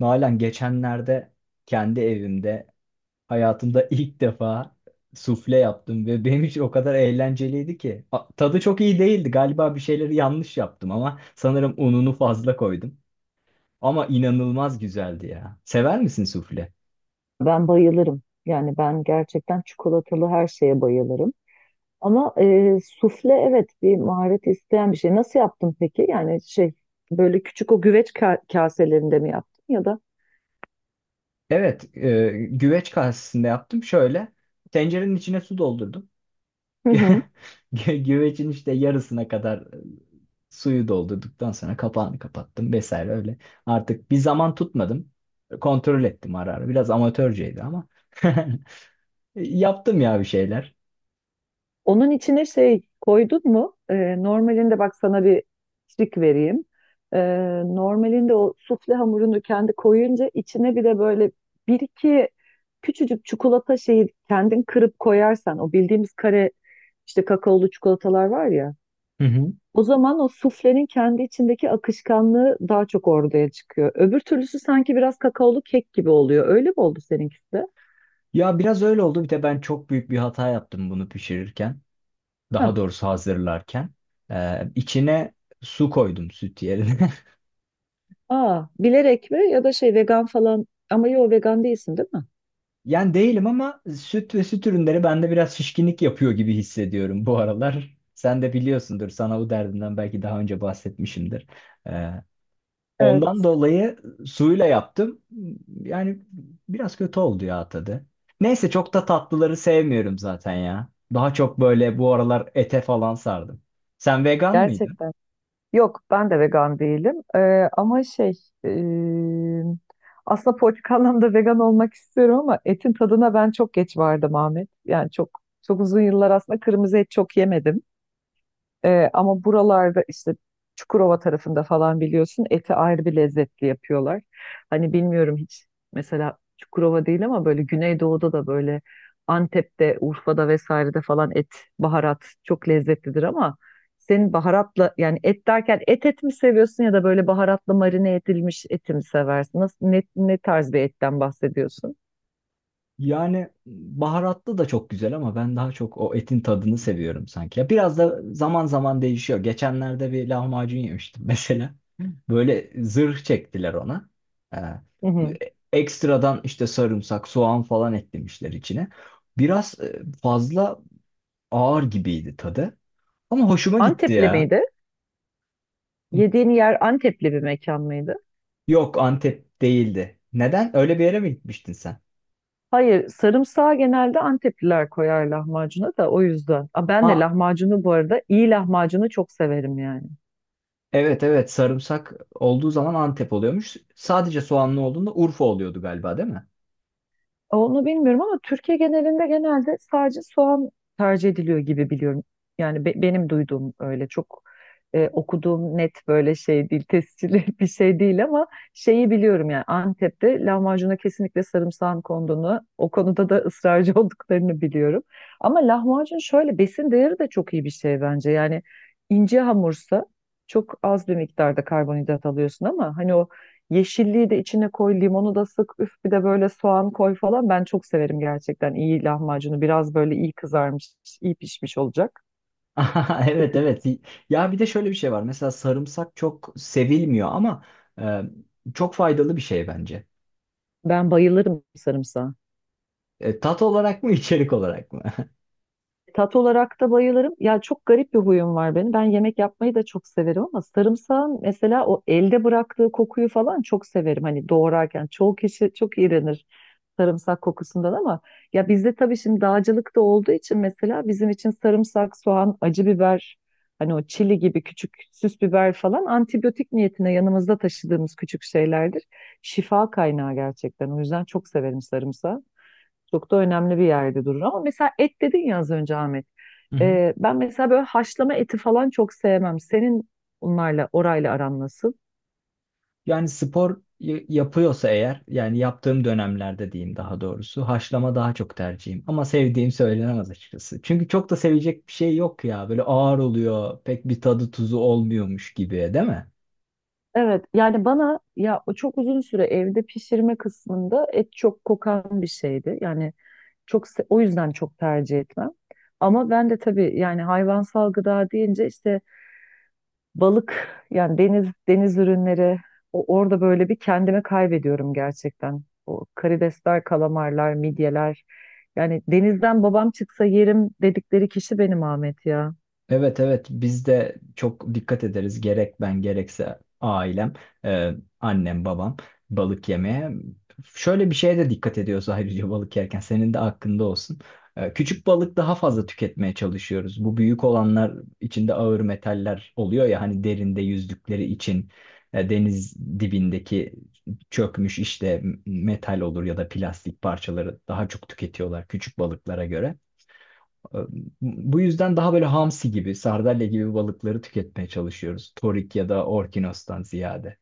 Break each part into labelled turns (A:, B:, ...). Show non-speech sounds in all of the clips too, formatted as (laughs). A: Nalan geçenlerde kendi evimde hayatımda (laughs) ilk defa sufle yaptım ve benim için o kadar eğlenceliydi ki. Tadı çok iyi değildi. Galiba bir şeyleri yanlış yaptım ama sanırım ununu fazla koydum. Ama inanılmaz güzeldi ya. Sever misin sufle?
B: Ben bayılırım. Yani ben gerçekten çikolatalı her şeye bayılırım. Ama sufle, evet, bir maharet isteyen bir şey. Nasıl yaptın peki? Yani böyle küçük o güveç kaselerinde mi yaptın ya da?
A: Evet, güveç kasesinde yaptım. Şöyle tencerenin içine su doldurdum.
B: Hı
A: (laughs)
B: hı.
A: Güvecin işte yarısına kadar suyu doldurduktan sonra kapağını kapattım vesaire öyle. Artık bir zaman tutmadım. Kontrol ettim ara ara. Biraz amatörceydi ama. (laughs) Yaptım ya bir şeyler.
B: Onun içine şey koydun mu? Normalinde bak sana bir trik vereyim. E, Normalinde o sufle hamurunu kendi koyunca içine bir de böyle bir iki küçücük çikolata şeyi kendin kırıp koyarsan, o bildiğimiz kare işte kakaolu çikolatalar var ya.
A: Hı hı.
B: O zaman o suflenin kendi içindeki akışkanlığı daha çok ortaya çıkıyor. Öbür türlüsü sanki biraz kakaolu kek gibi oluyor. Öyle mi oldu seninkisi de?
A: Ya biraz öyle oldu. Bir de ben çok büyük bir hata yaptım bunu pişirirken. Daha
B: Hah.
A: doğrusu hazırlarken. İçine su koydum süt yerine. (laughs)
B: Aa, bilerek mi ya da şey vegan falan, ama yo, vegan değilsin değil mi?
A: Yani değilim ama süt ve süt ürünleri bende biraz şişkinlik yapıyor gibi hissediyorum bu aralar. Sen de biliyorsundur. Sana bu derdinden belki daha önce bahsetmişimdir. Ee, Ondan
B: Evet,
A: dolayı suyla yaptım. Yani biraz kötü oldu ya tadı. Neyse çok da tatlıları sevmiyorum zaten ya. Daha çok böyle bu aralar ete falan sardım. Sen vegan mıydın?
B: gerçekten. Yok, ben de vegan değilim. Ama e, aslında politik anlamda vegan olmak istiyorum ama etin tadına ben çok geç vardım Ahmet. Yani çok çok uzun yıllar aslında kırmızı et çok yemedim. Ama buralarda işte Çukurova tarafında falan biliyorsun eti ayrı bir lezzetli yapıyorlar. Hani bilmiyorum, hiç mesela Çukurova değil ama böyle Güneydoğu'da da böyle Antep'te, Urfa'da vesairede falan et, baharat çok lezzetlidir ama senin baharatla, yani et derken et et mi seviyorsun ya da böyle baharatla marine edilmiş eti mi seversin? Nasıl, ne, ne tarz bir etten bahsediyorsun?
A: Yani baharatlı da çok güzel ama ben daha çok o etin tadını seviyorum sanki. Ya biraz da zaman zaman değişiyor. Geçenlerde bir lahmacun yemiştim (laughs) mesela. Böyle zırh çektiler ona. Ee,
B: Hı hı.
A: ekstradan işte sarımsak, soğan falan eklemişler içine. Biraz fazla ağır gibiydi tadı. Ama hoşuma gitti
B: Antepli
A: ya.
B: miydi? Yediğin yer Antepli bir mekan mıydı?
A: Yok Antep değildi. Neden? Öyle bir yere mi gitmiştin sen?
B: Hayır, sarımsağı genelde Antepliler koyar lahmacuna da o yüzden. Aa, ben de
A: Ha,
B: lahmacunu, bu arada iyi lahmacunu, çok severim yani.
A: evet evet, sarımsak olduğu zaman Antep oluyormuş. Sadece soğanlı olduğunda Urfa oluyordu galiba değil mi?
B: Onu bilmiyorum ama Türkiye genelinde genelde sadece soğan tercih ediliyor gibi biliyorum. Yani benim duyduğum öyle çok okuduğum net böyle şey değil, tescilli (laughs) bir şey değil ama şeyi biliyorum, yani Antep'te lahmacuna kesinlikle sarımsağın konduğunu, o konuda da ısrarcı (laughs) olduklarını biliyorum. Ama lahmacun şöyle besin değeri de çok iyi bir şey bence. Yani ince hamursa çok az bir miktarda karbonhidrat alıyorsun ama hani o yeşilliği de içine koy, limonu da sık, üf bir de böyle soğan koy falan. Ben çok severim gerçekten iyi lahmacunu. Biraz böyle iyi kızarmış, iyi pişmiş olacak.
A: (laughs) Aha, evet
B: Kıtır.
A: evet. Ya bir de şöyle bir şey var. Mesela sarımsak çok sevilmiyor ama e, çok faydalı bir şey bence.
B: Ben bayılırım sarımsağa.
A: E, tat olarak mı içerik olarak mı? (laughs)
B: Tat olarak da bayılırım. Ya çok garip bir huyum var benim. Ben yemek yapmayı da çok severim ama sarımsağın mesela o elde bıraktığı kokuyu falan çok severim. Hani doğrarken çoğu kişi çok iğrenir sarımsak kokusundan ama ya bizde tabii şimdi dağcılık da olduğu için mesela bizim için sarımsak, soğan, acı biber, hani o çili gibi küçük süs biber falan antibiyotik niyetine yanımızda taşıdığımız küçük şeylerdir. Şifa kaynağı gerçekten. O yüzden çok severim sarımsağı. Çok da önemli bir yerde durur. Ama mesela et dedin ya az önce Ahmet.
A: Hı hı.
B: Ben mesela böyle haşlama eti falan çok sevmem. Senin onlarla, orayla aran nasıl?
A: Yani spor yapıyorsa eğer, yani yaptığım dönemlerde diyeyim daha doğrusu, haşlama daha çok tercihim. Ama sevdiğim söylenemez açıkçası. Çünkü çok da sevecek bir şey yok ya. Böyle ağır oluyor, pek bir tadı tuzu olmuyormuş gibi, değil mi?
B: Evet, yani bana ya o çok uzun süre evde pişirme kısmında et çok kokan bir şeydi. Yani o yüzden çok tercih etmem. Ama ben de tabii yani hayvansal gıda deyince işte balık, yani deniz ürünleri, orada böyle bir kendimi kaybediyorum gerçekten. O karidesler, kalamarlar, midyeler. Yani denizden babam çıksa yerim dedikleri kişi benim Ahmet ya.
A: Evet evet, biz de çok dikkat ederiz gerek ben gerekse ailem, e, annem babam, balık yemeye. Şöyle bir şeye de dikkat ediyoruz (laughs) ayrıca balık yerken senin de hakkında olsun. E, küçük balık daha fazla tüketmeye çalışıyoruz. Bu büyük olanlar içinde ağır metaller oluyor ya hani derinde yüzdükleri için deniz dibindeki çökmüş işte metal olur ya da plastik parçaları daha çok tüketiyorlar küçük balıklara göre. Ee, Bu yüzden daha böyle hamsi gibi, sardalya gibi balıkları tüketmeye çalışıyoruz. Torik ya da orkinostan ziyade.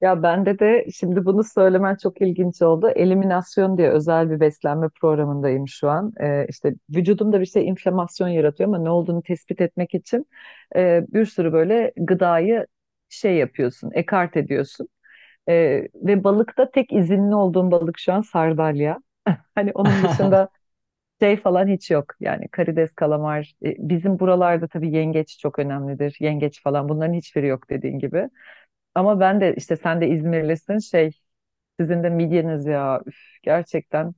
B: Ya bende de şimdi bunu söylemen çok ilginç oldu. Eliminasyon diye özel bir beslenme programındayım şu an. İşte vücudumda bir şey inflamasyon yaratıyor ama ne olduğunu tespit etmek için bir sürü böyle gıdayı şey yapıyorsun, ekart ediyorsun. Ve balıkta tek izinli olduğum balık şu an sardalya. Hani onun
A: (laughs)
B: dışında şey falan hiç yok. Yani karides, kalamar. Bizim buralarda tabii yengeç çok önemlidir. Yengeç falan, bunların hiçbiri yok dediğin gibi. Ama ben de işte, sen de İzmirlisin, şey sizin de midyeniz ya. Üf, gerçekten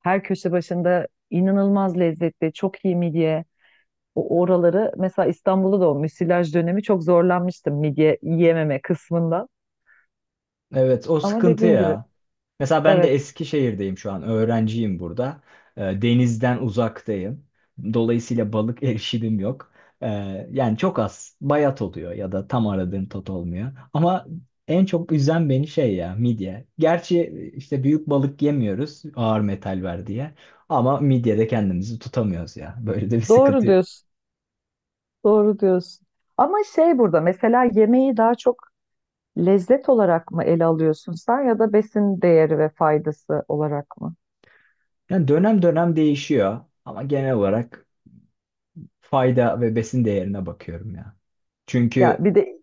B: her köşe başında inanılmaz lezzetli, çok iyi midye. O oraları mesela İstanbul'da da o müsilaj dönemi çok zorlanmıştım midye yiyememe kısmında.
A: Evet, o
B: Ama
A: sıkıntı
B: dediğin gibi,
A: ya. Mesela ben de
B: evet,
A: Eskişehir'deyim şu an. Öğrenciyim burada. Denizden uzaktayım. Dolayısıyla balık (laughs) erişimim yok. Ee, Yani çok az. Bayat oluyor ya da tam aradığın tat olmuyor. Ama en çok üzen beni şey ya, midye. Gerçi işte büyük balık yemiyoruz ağır metal ver diye. Ama midyede kendimizi tutamıyoruz ya. Böyle de bir
B: doğru
A: sıkıntı.
B: diyorsun. Doğru diyorsun. Ama şey, burada mesela yemeği daha çok lezzet olarak mı ele alıyorsun sen ya da besin değeri ve faydası olarak mı?
A: Yani dönem dönem değişiyor. Ama genel olarak fayda ve besin değerine bakıyorum ya.
B: Ya
A: Çünkü
B: bir de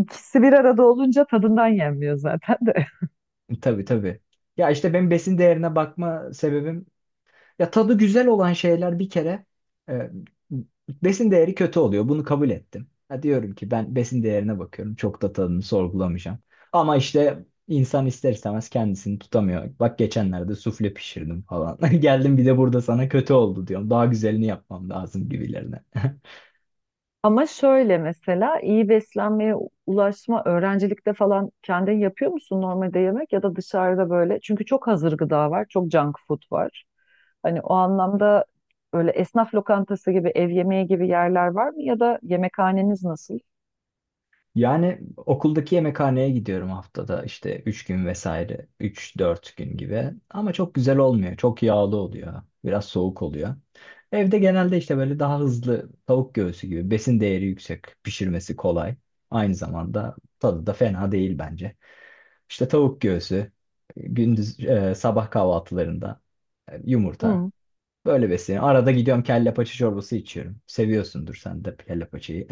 B: ikisi bir arada olunca tadından yenmiyor zaten de. (laughs)
A: tabii tabii. Ya işte benim besin değerine bakma sebebim ya tadı güzel olan şeyler bir kere e, besin değeri kötü oluyor. Bunu kabul ettim. Ha, diyorum ki ben besin değerine bakıyorum. Çok da tadını sorgulamayacağım. Ama işte insan ister istemez kendisini tutamıyor. Bak geçenlerde sufle pişirdim falan. (laughs) Geldim bir de burada sana kötü oldu diyorum. Daha güzelini yapmam lazım gibilerine. (laughs)
B: Ama şöyle mesela iyi beslenmeye ulaşma, öğrencilikte falan kendin yapıyor musun normalde yemek ya da dışarıda böyle? Çünkü çok hazır gıda var, çok junk food var. Hani o anlamda öyle esnaf lokantası gibi, ev yemeği gibi yerler var mı ya da yemekhaneniz nasıl?
A: Yani okuldaki yemekhaneye gidiyorum haftada işte 3 gün vesaire, üç dört gün gibi, ama çok güzel olmuyor, çok yağlı oluyor, biraz soğuk oluyor. Evde genelde işte böyle daha hızlı tavuk göğsü gibi besin değeri yüksek, pişirmesi kolay, aynı zamanda tadı da fena değil bence. İşte tavuk göğsü, gündüz sabah kahvaltılarında yumurta,
B: Hı.
A: böyle besleniyorum. Arada gidiyorum kelle paça çorbası içiyorum, seviyorsundur sen de kelle paçayı.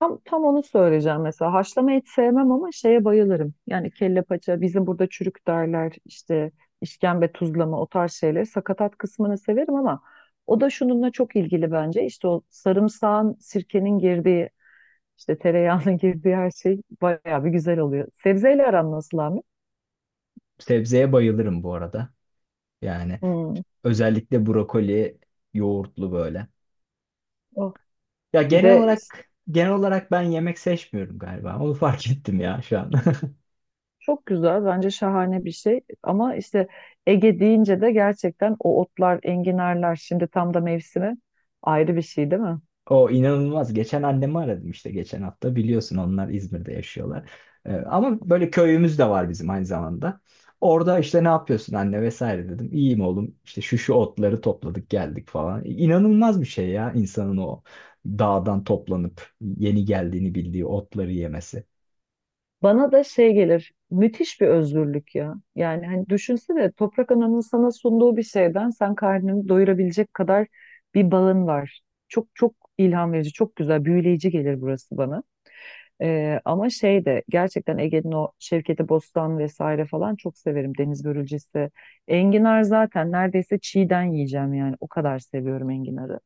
B: Tam, tam onu söyleyeceğim mesela. Haşlama et sevmem ama şeye bayılırım. Yani kelle paça, bizim burada çürük derler, işte işkembe tuzlama o tarz şeyler. Sakatat kısmını severim ama o da şununla çok ilgili bence. İşte o sarımsağın, sirkenin girdiği, işte tereyağının (laughs) girdiği her şey bayağı bir güzel oluyor. Sebzeyle aran nasıl Ahmet?
A: (laughs) Sebzeye bayılırım bu arada. Yani
B: Hmm.
A: özellikle brokoli, yoğurtlu böyle.
B: Oh.
A: Ya
B: Bir
A: genel
B: de
A: olarak genel olarak ben yemek seçmiyorum galiba. Onu (laughs) fark ettim ya şu an. (laughs)
B: çok güzel, bence şahane bir şey. Ama işte Ege deyince de gerçekten o otlar, enginarlar, şimdi tam da mevsimi, ayrı bir şey değil mi?
A: O inanılmaz. Geçen annemi aradım işte geçen hafta. Biliyorsun onlar İzmir'de yaşıyorlar. Ama böyle köyümüz de var bizim aynı zamanda. Orada işte ne yapıyorsun anne vesaire dedim. İyiyim oğlum. İşte şu şu otları topladık geldik falan. İnanılmaz bir şey ya insanın o dağdan toplanıp yeni geldiğini bildiği otları yemesi.
B: Bana da şey gelir, müthiş bir özgürlük ya. Yani hani düşünsene, Toprak Ana'nın sana sunduğu bir şeyden sen karnını doyurabilecek kadar bir bağın var. Çok çok ilham verici, çok güzel, büyüleyici gelir burası bana. Ama şey de gerçekten Ege'nin o Şevketi Bostan vesaire falan çok severim. Deniz börülcesi. Enginar zaten neredeyse çiğden yiyeceğim yani. O kadar seviyorum enginarı.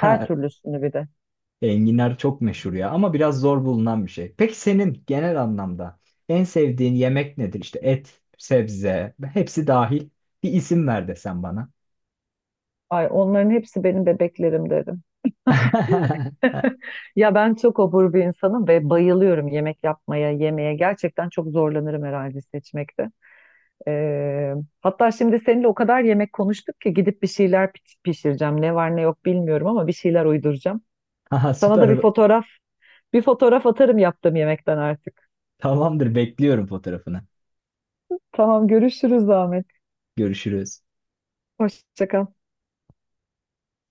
B: Her türlüsünü bir de.
A: Enginar çok meşhur ya ama biraz zor bulunan bir şey. Peki senin genel anlamda en sevdiğin yemek nedir? İşte et, sebze, hepsi dahil. Bir isim ver desen bana.
B: Ay onların hepsi benim bebeklerim derim.
A: (laughs)
B: Ya ben çok obur bir insanım ve bayılıyorum yemek yapmaya, yemeye. Gerçekten çok zorlanırım herhalde seçmekte. Ee, Hatta şimdi seninle o kadar yemek konuştuk ki gidip bir şeyler pişireceğim. Ne var ne yok bilmiyorum ama bir şeyler uyduracağım.
A: Aha,
B: Sana da bir
A: süper.
B: fotoğraf, bir fotoğraf atarım yaptığım yemekten artık.
A: Tamamdır, bekliyorum fotoğrafını.
B: Tamam, görüşürüz Ahmet.
A: Görüşürüz.
B: Hoşça kal.